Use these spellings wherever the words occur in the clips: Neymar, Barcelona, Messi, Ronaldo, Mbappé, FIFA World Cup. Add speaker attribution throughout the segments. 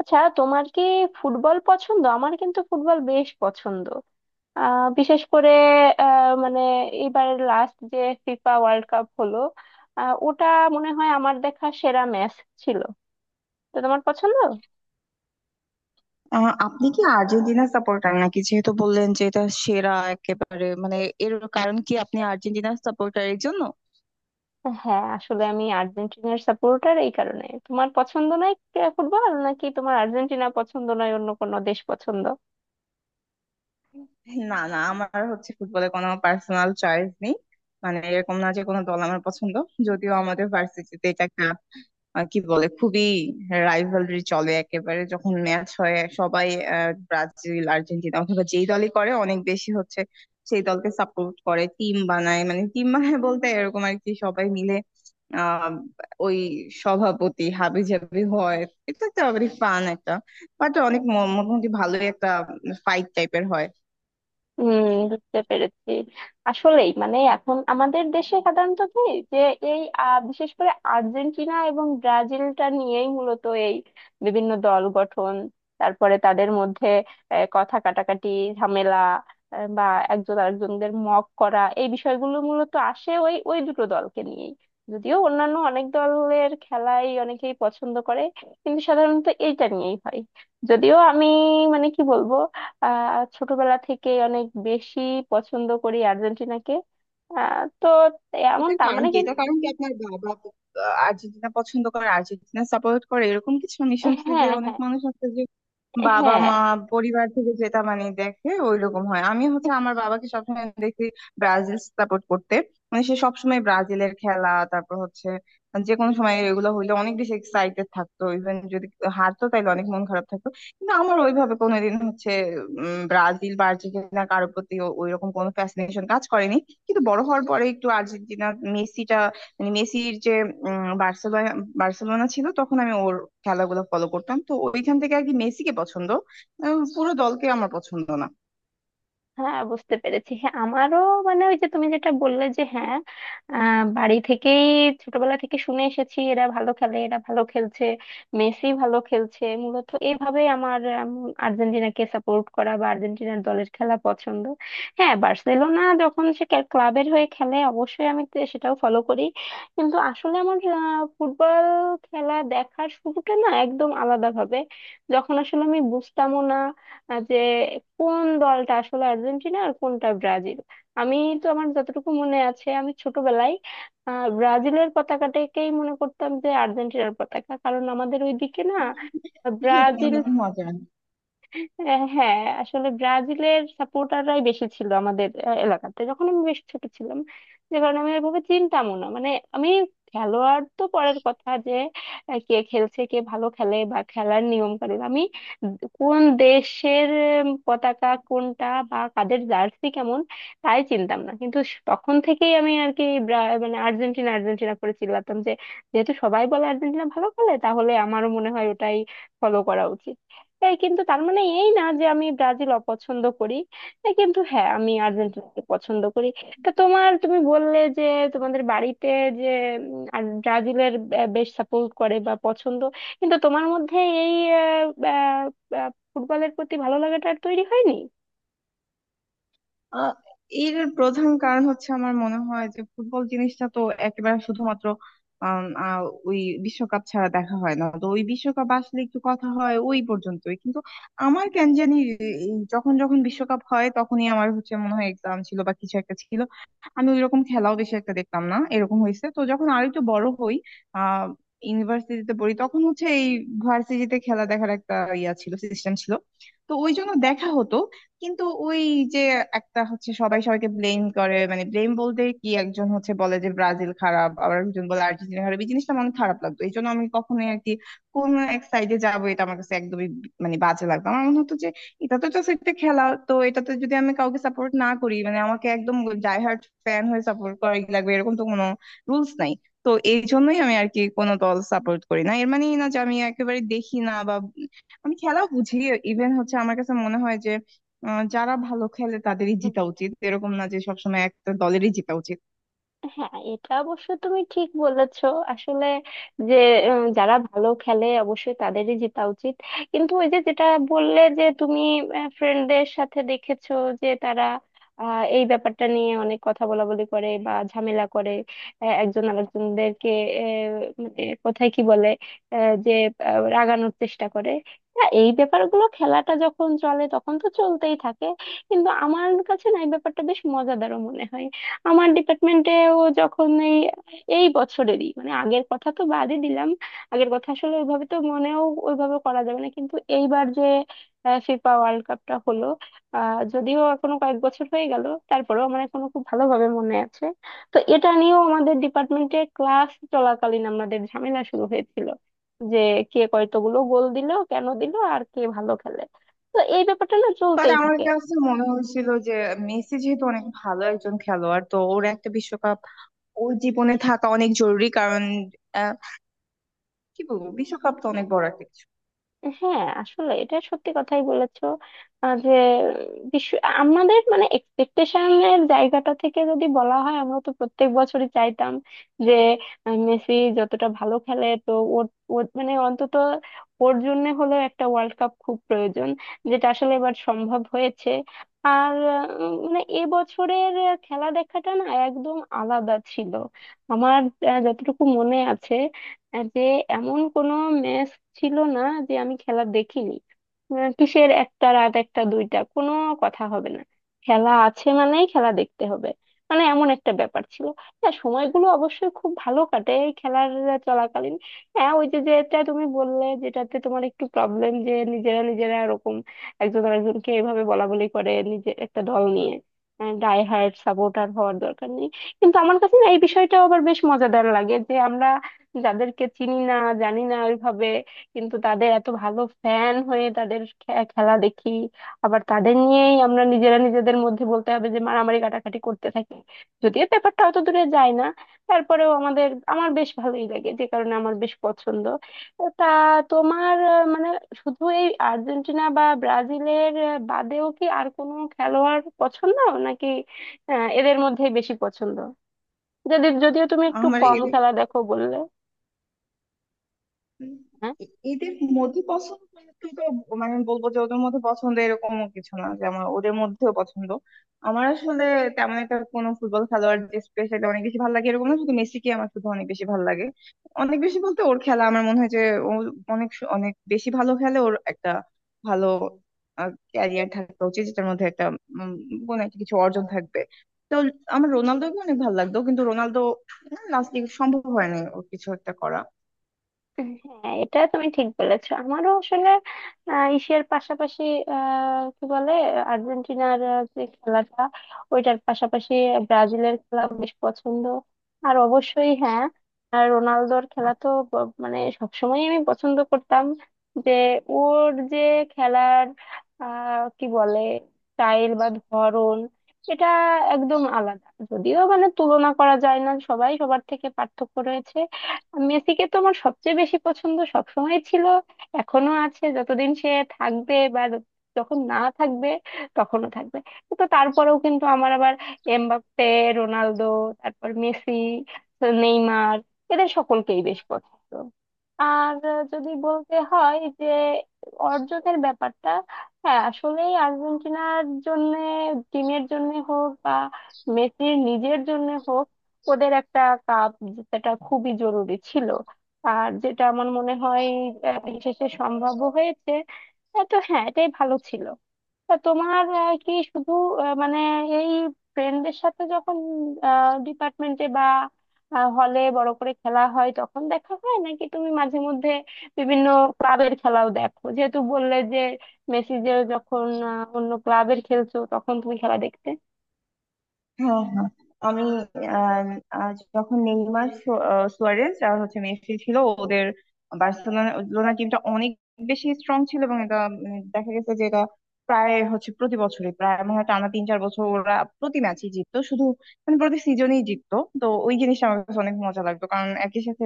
Speaker 1: আচ্ছা, তোমার কি ফুটবল পছন্দ? আমার কিন্তু ফুটবল বেশ পছন্দ। বিশেষ করে, মানে এবারের লাস্ট যে ফিফা ওয়ার্ল্ড কাপ হলো, ওটা মনে হয় আমার দেখা সেরা ম্যাচ ছিল। তো তোমার পছন্দ?
Speaker 2: আপনি কি আর্জেন্টিনা সাপোর্টার নাকি? যেহেতু বললেন যে এটা সেরা একেবারে, এর কারণ কি আপনি আর্জেন্টিনা সাপোর্টারের জন্য?
Speaker 1: হ্যাঁ, আসলে আমি আর্জেন্টিনার সাপোর্টার, এই কারণে। তোমার পছন্দ নয় ফুটবল, নাকি তোমার আর্জেন্টিনা পছন্দ নয়, অন্য কোনো দেশ পছন্দ?
Speaker 2: না না, আমার হচ্ছে ফুটবলে কোনো পার্সোনাল চয়েস নেই। মানে এরকম না যে কোনো দল আমার পছন্দ। যদিও আমাদের ভার্সিটিতে এটা একটা কি বলে, খুবই রাইভালরি চলে একেবারে। যখন ম্যাচ হয় সবাই ব্রাজিল আর্জেন্টিনা অথবা যেই দলই করে অনেক বেশি হচ্ছে, সেই দলকে সাপোর্ট করে, টিম বানায়। মানে টিম বানায় বলতে এরকম আর কি, সবাই মিলে আহ ওই সভাপতি হাবি জাবি হয়। এটা তো আবার ফান একটা, বাট অনেক মোটামুটি ভালোই একটা ফাইট টাইপের হয়।
Speaker 1: হুম, বুঝতে পেরেছি। আসলেই মানে এখন আমাদের দেশে সাধারণত কি, যে এই বিশেষ করে আর্জেন্টিনা এবং ব্রাজিলটা নিয়েই মূলত এই বিভিন্ন দল গঠন, তারপরে তাদের মধ্যে কথা কাটাকাটি, ঝামেলা, বা একজন আরেকজনদের মক করা, এই বিষয়গুলো মূলত আসে ওই ওই দুটো দলকে নিয়েই। যদিও অন্যান্য অনেক দলের খেলাই অনেকেই পছন্দ করে, কিন্তু সাধারণত এইটা নিয়েই হয়। যদিও আমি, মানে কি বলবো, ছোটবেলা থেকে অনেক বেশি পছন্দ করি আর্জেন্টিনাকে। তো এমন,
Speaker 2: এটার
Speaker 1: তার
Speaker 2: কারণ
Speaker 1: মানে
Speaker 2: কি,
Speaker 1: কিন্তু।
Speaker 2: এটার কারণ কি, আপনার বাবা আর্জেন্টিনা পছন্দ করে, আর্জেন্টিনা সাপোর্ট করে? এরকম কিছু আমি শুনছি
Speaker 1: হ্যাঁ,
Speaker 2: যে অনেক
Speaker 1: হ্যাঁ,
Speaker 2: মানুষ আছে যে বাবা
Speaker 1: হ্যাঁ,
Speaker 2: মা পরিবার থেকে যেটা মানে দেখে ওইরকম হয়। আমি হচ্ছে আমার বাবাকে সবসময় দেখি ব্রাজিল সাপোর্ট করতে। মানে সে সবসময় ব্রাজিলের খেলা, তারপর হচ্ছে যে কোনো সময় এগুলো হইলে অনেক বেশি এক্সাইটেড থাকতো, ইভেন যদি হারতো তাইলে অনেক মন খারাপ থাকতো। কিন্তু আমার ওইভাবে কোনোদিন হচ্ছে ব্রাজিল বা আর্জেন্টিনা কারোর প্রতি ওইরকম কোনো ফ্যাসিনেশন কাজ করেনি। কিন্তু বড় হওয়ার পরে একটু আর্জেন্টিনা, মেসিটা, মানে মেসির যে বার্সেলোনা, বার্সেলোনা ছিল তখন আমি ওর খেলাগুলো ফলো করতাম, তো ওইখান থেকে আর কি মেসিকে পছন্দ। পুরো দলকে আমার পছন্দ না।
Speaker 1: হ্যাঁ, বুঝতে পেরেছি। হ্যাঁ, আমারও। মানে ওই যে তুমি যেটা বললে, যে হ্যাঁ, বাড়ি থেকেই ছোটবেলা থেকে শুনে এসেছি এরা ভালো খেলে, এরা ভালো খেলছে, মেসি ভালো খেলছে। মূলত এইভাবে আমার উম, আর্জেন্টিনাকে সাপোর্ট করা বা আর্জেন্টিনার দলের খেলা পছন্দ। হ্যাঁ, বার্সেলোনা যখন সে ক্লাবের হয়ে খেলে, অবশ্যই আমি সেটাও ফলো করি। কিন্তু আসলে আমার ফুটবল খেলা দেখার শুরুটা না একদম আলাদাভাবে, যখন আসলে আমি বুঝতামও না যে কোন দলটা আসলে আর্জেন্টিনা আর কোনটা ব্রাজিল। আমি তো, আমার যতটুকু মনে আছে, আমি ছোটবেলায় ব্রাজিলের পতাকাটাকেই মনে করতাম যে আর্জেন্টিনার পতাকা, কারণ আমাদের ওইদিকে না
Speaker 2: এটা আমার
Speaker 1: ব্রাজিল,
Speaker 2: মতে মজা।
Speaker 1: হ্যাঁ, আসলে ব্রাজিলের সাপোর্টাররাই বেশি ছিল আমাদের এলাকাতে, যখন আমি বেশ ছোট ছিলাম। যে কারণে আমি এভাবে চিনতামও না, মানে আমি, খেলোয়াড় তো পরের কথা, যে কে খেলছে, কে ভালো খেলে বা খেলার নিয়ম কানুন, আমি কোন দেশের পতাকা কোনটা বা কাদের জার্সি কেমন, তাই চিনতাম না। কিন্তু তখন থেকেই আমি আর কি, মানে আর্জেন্টিনা আর্জেন্টিনা করে চিল্লাতাম, যে যেহেতু সবাই বলে আর্জেন্টিনা ভালো খেলে, তাহলে আমারও মনে হয় ওটাই ফলো করা উচিত। এই, কিন্তু তার মানে এই না যে আমি ব্রাজিল অপছন্দ করি। এই, কিন্তু হ্যাঁ, আমি আর্জেন্টিনাকে পছন্দ করি। তা তোমার, তুমি বললে যে তোমাদের বাড়িতে, যে আর ব্রাজিলের বেশ সাপোর্ট করে বা পছন্দ, কিন্তু তোমার মধ্যে এই আহ, আহ, আহ, ফুটবলের প্রতি ভালো লাগাটা আর তৈরি হয়নি।
Speaker 2: আহ, এর প্রধান কারণ হচ্ছে, আমার মনে হয় যে ফুটবল জিনিসটা তো একেবারে শুধুমাত্র আম, আহ, ওই বিশ্বকাপ ছাড়া দেখা হয় না। তো ওই বিশ্বকাপ আসলে একটু কথা হয় ওই পর্যন্তই। কিন্তু আমার কেন জানি এই যখন যখন বিশ্বকাপ হয় তখনই আমার হচ্ছে মনে হয় এক্সাম ছিল বা কিছু একটা ছিল, আমি ওইরকম খেলাও বেশি একটা দেখতাম না, এরকম হয়েছে। তো যখন আর একটু বড় হই, আহ ইউনিভার্সিটিতে পড়ি, তখন হচ্ছে এই ভার্সিটিতে খেলা দেখার একটা ইয়া ছিল, সিস্টেম ছিল, তো ওই জন্য দেখা হতো। কিন্তু ওই যে একটা হচ্ছে সবাই সবাইকে ব্লেম করে, মানে ব্লেম বলতে কি, একজন হচ্ছে বলে যে ব্রাজিল খারাপ, আবার একজন বলে আর্জেন্টিনা খারাপ। এই জিনিসটা আমার অনেক খারাপ লাগতো, এই জন্য আমি কখনোই আর কি কোন এক সাইডে যাবো, এটা আমার কাছে একদমই মানে বাজে লাগতো। আমার মনে হতো যে এটা তো জাস্ট একটা খেলা, তো এটাতে যদি আমি কাউকে সাপোর্ট না করি, মানে আমাকে একদম ডাই হার্ড ফ্যান হয়ে সাপোর্ট করাই লাগবে এরকম তো কোনো রুলস নাই। তো এই জন্যই আমি আর কি কোনো দল সাপোর্ট করি না, এর মানেই না যে আমি একেবারে দেখি না বা আমি খেলা বুঝি। ইভেন হচ্ছে আমার কাছে মনে হয় যে যারা ভালো খেলে তাদেরই জিতা উচিত, এরকম না যে সবসময় একটা দলেরই জিতা উচিত।
Speaker 1: হ্যাঁ, এটা অবশ্য তুমি ঠিক বলেছো। আসলে যে যারা ভালো খেলে অবশ্যই তাদেরই জেতা উচিত। কিন্তু ওই যে যেটা বললে যে তুমি ফ্রেন্ডদের সাথে দেখেছো, যে তারা এই ব্যাপারটা নিয়ে অনেক কথা বলাবলি করে বা ঝামেলা করে, একজন আরেকজনদেরকে, মানে কোথায় কি বলে, যে রাগানোর চেষ্টা করে। হ্যাঁ, এই ব্যাপারগুলো খেলাটা যখন চলে তখন তো চলতেই থাকে, কিন্তু আমার কাছে না এই ব্যাপারটা বেশ মজাদারও মনে হয়। আমার ডিপার্টমেন্টেও যখন এই এই বছরেরই, মানে আগের কথা তো বাদই দিলাম, আগের কথা আসলে ওইভাবে তো মনেও ওইভাবে করা যাবে না, কিন্তু এইবার যে ফিফা ওয়ার্ল্ড কাপটা হলো, যদিও এখনো কয়েক বছর হয়ে গেল তারপরেও আমার এখনো খুব ভালোভাবে মনে আছে। তো এটা নিয়েও আমাদের ডিপার্টমেন্টে ক্লাস চলাকালীন আমাদের ঝামেলা শুরু হয়েছিল, যে কে কয়তগুলো গোল দিল, কেন দিল, আর কে ভালো খেলে। তো এই ব্যাপারটা না
Speaker 2: বাট
Speaker 1: চলতেই
Speaker 2: আমার
Speaker 1: থাকে।
Speaker 2: কাছে মনে হয়েছিল যে মেসি যেহেতু অনেক ভালো একজন খেলোয়াড়, তো ওর একটা বিশ্বকাপ ওর জীবনে থাকা অনেক জরুরি, কারণ আহ, কি বলবো, বিশ্বকাপ তো অনেক বড় একটা কিছু।
Speaker 1: হ্যাঁ, আসলে এটা সত্যি কথাই বলেছো। যে বিশ্ব, আমাদের মানে এক্সপেকটেশনের জায়গাটা থেকে যদি বলা হয়, আমরা তো প্রত্যেক বছরই চাইতাম যে মেসি যতটা ভালো খেলে তো ওর, মানে অন্তত ওর জন্য হলেও একটা ওয়ার্ল্ড কাপ খুব প্রয়োজন, যেটা আসলে এবার সম্ভব হয়েছে। আর মানে এবছরের খেলা দেখাটা না একদম আলাদা ছিল। আমার যতটুকু মনে আছে, যে এমন কোনো ম্যাচ ছিল না যে আমি খেলা দেখিনি। কিসের একটা, রাত একটা, দুইটা, কোনো কথা হবে না, খেলা আছে মানেই খেলা দেখতে হবে, মানে এমন একটা ব্যাপার ছিল। হ্যাঁ, সময়গুলো অবশ্যই খুব ভালো কাটে এই খেলার চলাকালীন। হ্যাঁ, ওই যে যেটা তুমি বললে, যেটাতে তোমার একটু প্রবলেম যে নিজেরা নিজেরা এরকম একজন আরেকজনকে এভাবে বলা বলি করে, নিজে একটা দল নিয়ে ডাই হার্ড সাপোর্টার হওয়ার দরকার নেই। কিন্তু আমার কাছে না এই বিষয়টা আবার বেশ মজাদার লাগে, যে আমরা যাদেরকে চিনি না, জানি না ওইভাবে, কিন্তু তাদের এত ভালো ফ্যান হয়ে তাদের খেলা দেখি, আবার তাদের নিয়েই আমরা নিজেরা নিজেদের মধ্যে বলতে হবে যে মারামারি কাটাকাটি করতে থাকি। যদিও ব্যাপারটা অত দূরে যায় না, তারপরেও আমার বেশ ভালোই লাগে, যে কারণে আমার বেশ পছন্দ। তা তোমার মানে শুধু এই আর্জেন্টিনা বা ব্রাজিলের বাদেও কি আর কোনো খেলোয়াড় পছন্দ, নাকি এদের মধ্যেই বেশি পছন্দ, যাদের যদিও তুমি একটু
Speaker 2: আমার
Speaker 1: কম খেলা দেখো বললে?
Speaker 2: উম, এদের মধ্যে পছন্দ মানে তুই তো, মানে আমি বলবো যে ওদের মধ্যে পছন্দ, এরকমও কিছু না যে আমার ওদের মধ্যেও পছন্দ। আমার আসলে তেমন একটা কোনো ফুটবল খেলোয়াড় যে স্পেশালি অনেক বেশি ভালো লাগে এরকম না, শুধু মেসিকে আমার শুধু অনেক বেশি ভালো লাগে। অনেক বেশি বলতে ওর খেলা, আমার মনে হয় যে ও অনেক অনেক বেশি ভালো খেলে, ওর একটা ভালো ক্যারিয়ার থাকা উচিত যেটার মধ্যে একটা উম, কোনো একটা কিছু অর্জন থাকবে। তো আমার রোনালদোকে অনেক ভালো লাগতো, কিন্তু রোনালদো লাস্ট সম্ভব হয়নি ওর কিছু একটা করা।
Speaker 1: হ্যাঁ, এটা তুমি ঠিক বলেছো। আমারও আসলে এশিয়ার পাশাপাশি, কি বলে, আর্জেন্টিনার যে খেলাটা, ওইটার পাশাপাশি ব্রাজিলের খেলা বেশ পছন্দ। আর অবশ্যই হ্যাঁ, আর রোনালদোর খেলা তো মানে সবসময় আমি পছন্দ করতাম, যে ওর যে খেলার কি বলে স্টাইল বা ধরন, এটা একদম আলাদা, যদিও মানে তুলনা করা যায় না, সবাই সবার থেকে পার্থক্য রয়েছে। মেসিকে তো আমার সবচেয়ে বেশি পছন্দ সবসময় ছিল, এখনো আছে। যতদিন সে থাকবে, বা যখন না থাকবে তখনও থাকবে। তো তারপরেও কিন্তু আমার আবার এমবাপ্পে, রোনালদো, তারপর মেসি, নেইমার, এদের সকলকেই বেশ পছন্দ। আর যদি বলতে হয় যে অর্জনের ব্যাপারটা, হ্যাঁ আসলেই আর্জেন্টিনার জন্য, টিমের জন্য হোক বা মেসির নিজের জন্য হোক, ওদের একটা কাপ জেতাটা খুবই জরুরি ছিল, আর যেটা আমার মনে হয় শেষে সম্ভব হয়েছে। তো হ্যাঁ, এটাই ভালো ছিল। তা তোমার কি শুধু মানে এই ফ্রেন্ডদের সাথে যখন ডিপার্টমেন্টে বা হলে বড় করে খেলা হয় তখন দেখা হয়, নাকি তুমি মাঝে মধ্যে বিভিন্ন ক্লাবের খেলাও দেখো, যেহেতু বললে যে মেসি যে যখন অন্য ক্লাবের খেলছো তখন তুমি খেলা দেখতে?
Speaker 2: হ্যাঁ, হ্যাঁ। আমি আহ, আহ, যখন নেইমার সুয়ারেজ আর হচ্ছে মেসি ছিল, ওদের বার্সেলোনা টিমটা অনেক বেশি স্ট্রং ছিল, এবং এটা দেখা গেছে যে এটা প্রায় হচ্ছে প্রতি বছরই, প্রায় মনে হয় টানা তিন চার বছর ওরা প্রতি ম্যাচই জিততো, শুধু মানে প্রতি সিজনেই জিততো। তো ওই জিনিসটা আমার কাছে অনেক মজা লাগতো, কারণ একই সাথে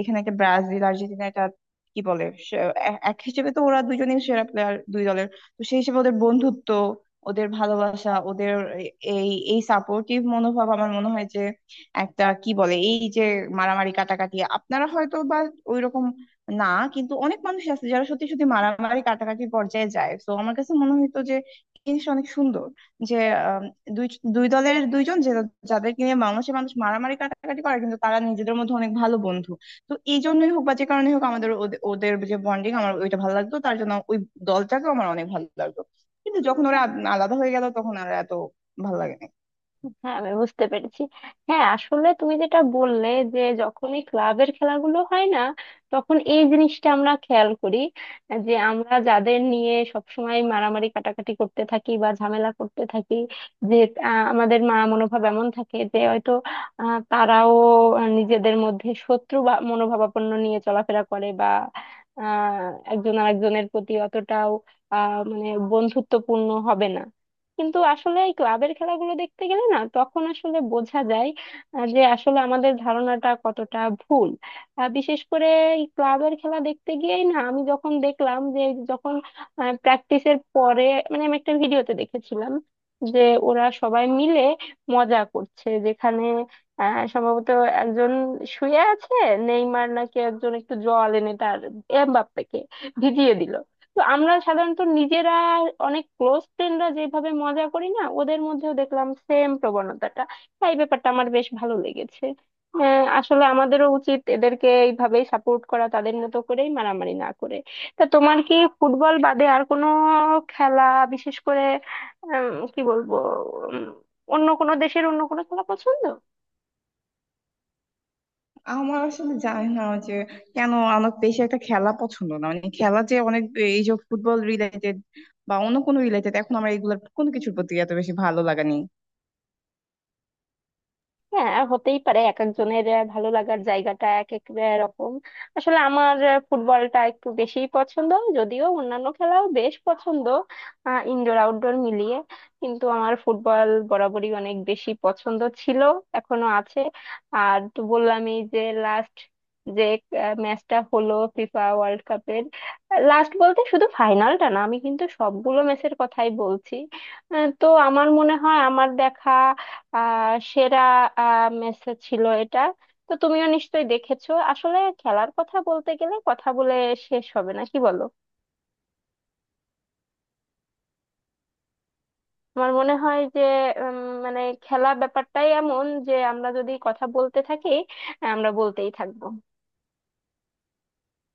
Speaker 2: এখানে একটা ব্রাজিল আর্জেন্টিনা, এটা কি বলে, এক হিসেবে তো ওরা দুজনেই সেরা প্লেয়ার দুই দলের, তো সেই হিসেবে ওদের বন্ধুত্ব, ওদের ভালোবাসা, ওদের এই এই সাপোর্টিভ মনোভাব, আমার মনে হয় যে একটা কি বলে এই যে মারামারি কাটাকাটি, আপনারা হয়তো বা ওইরকম না, কিন্তু অনেক মানুষ আছে যারা সত্যি সত্যি মারামারি কাটাকাটির পর্যায়ে যায়। তো আমার কাছে মনে হইতো যে এই জিনিসটা অনেক সুন্দর, যে আম, দুই দুই দলের দুইজন যে, যাদেরকে নিয়ে মানুষে মানুষ মারামারি কাটাকাটি করে কিন্তু তারা নিজেদের মধ্যে অনেক ভালো বন্ধু। তো এই জন্যই হোক বা যে কারণে হোক, আমাদের ওদের যে বন্ডিং আমার ওইটা ভালো লাগতো, তার জন্য ওই দলটাকেও আমার অনেক ভালো লাগতো। কিন্তু যখন ওরা আলাদা হয়ে গেল তখন আর এত ভালো লাগে না।
Speaker 1: হ্যাঁ, আমি বুঝতে পেরেছি। হ্যাঁ, আসলে তুমি যেটা বললে যে যখন এই ক্লাবের খেলাগুলো হয় না, তখন এই জিনিসটা আমরা খেয়াল করি, যে আমরা যাদের নিয়ে সবসময় মারামারি কাটাকাটি করতে থাকি বা ঝামেলা করতে থাকি, যে আমাদের মনোভাব এমন থাকে যে হয়তো তারাও নিজেদের মধ্যে শত্রু বা মনোভাবাপন্ন নিয়ে চলাফেরা করে, বা আহ, একজন আরেকজনের প্রতি অতটাও মানে বন্ধুত্বপূর্ণ হবে না। কিন্তু আসলে এই ক্লাবের খেলাগুলো দেখতে গেলে না তখন আসলে বোঝা যায় যে আসলে আমাদের ধারণাটা কতটা ভুল। বিশেষ করে এই ক্লাবের খেলা দেখতে গিয়েই না, আমি যখন দেখলাম যে যখন প্র্যাকটিসের পরে, মানে আমি একটা ভিডিওতে দেখেছিলাম যে ওরা সবাই মিলে মজা করছে, যেখানে সম্ভবত একজন শুয়ে আছে, নেইমার নাকি একজন একটু জল এনে তার এমবাপ্পেকে ভিজিয়ে দিল। তো আমরা সাধারণত নিজেরা, অনেক ক্লোজ ফ্রেন্ডরা যেভাবে মজা করি না, ওদের মধ্যেও দেখলাম সেম প্রবণতাটা। তাই ব্যাপারটা আমার বেশ ভালো লেগেছে। আসলে আমাদেরও উচিত এদেরকে এইভাবেই সাপোর্ট করা, তাদের মতো করেই, মারামারি না করে। তা তোমার কি ফুটবল বাদে আর কোনো খেলা বিশেষ করে, কি বলবো, উম, অন্য কোনো দেশের অন্য কোনো খেলা পছন্দ?
Speaker 2: আমার আসলে জানি না যে কেন আমার বেশি একটা খেলা পছন্দ না, মানে খেলা যে অনেক, এই যে ফুটবল রিলেটেড বা অন্য কোনো রিলেটেড, এখন আমার এগুলোর কোনো কিছুর প্রতি এত বেশি ভালো লাগা নেই।
Speaker 1: হ্যাঁ, হতেই পারে, এক একজনের ভালো লাগার জায়গাটা এক এক রকম। আসলে আমার ফুটবলটা একটু বেশিই পছন্দ, যদিও অন্যান্য খেলাও বেশ পছন্দ, ইনডোর আউটডোর মিলিয়ে। কিন্তু আমার ফুটবল বরাবরই অনেক বেশি পছন্দ ছিল, এখনো আছে। আর তো বললামই যে লাস্ট যে ম্যাচটা হলো ফিফা ওয়ার্ল্ড কাপের। লাস্ট বলতে শুধু ফাইনালটা না, আমি কিন্তু সবগুলো ম্যাচের কথাই বলছি। তো আমার মনে হয় আমার দেখা সেরা ম্যাচ ছিল এটা। তো তুমিও নিশ্চয়ই দেখেছো। আসলে খেলার কথা বলতে গেলে কথা বলে শেষ হবে না, কি বলো। আমার মনে হয় যে উম, মানে খেলা ব্যাপারটাই এমন যে আমরা যদি কথা বলতে থাকি আমরা বলতেই থাকবো।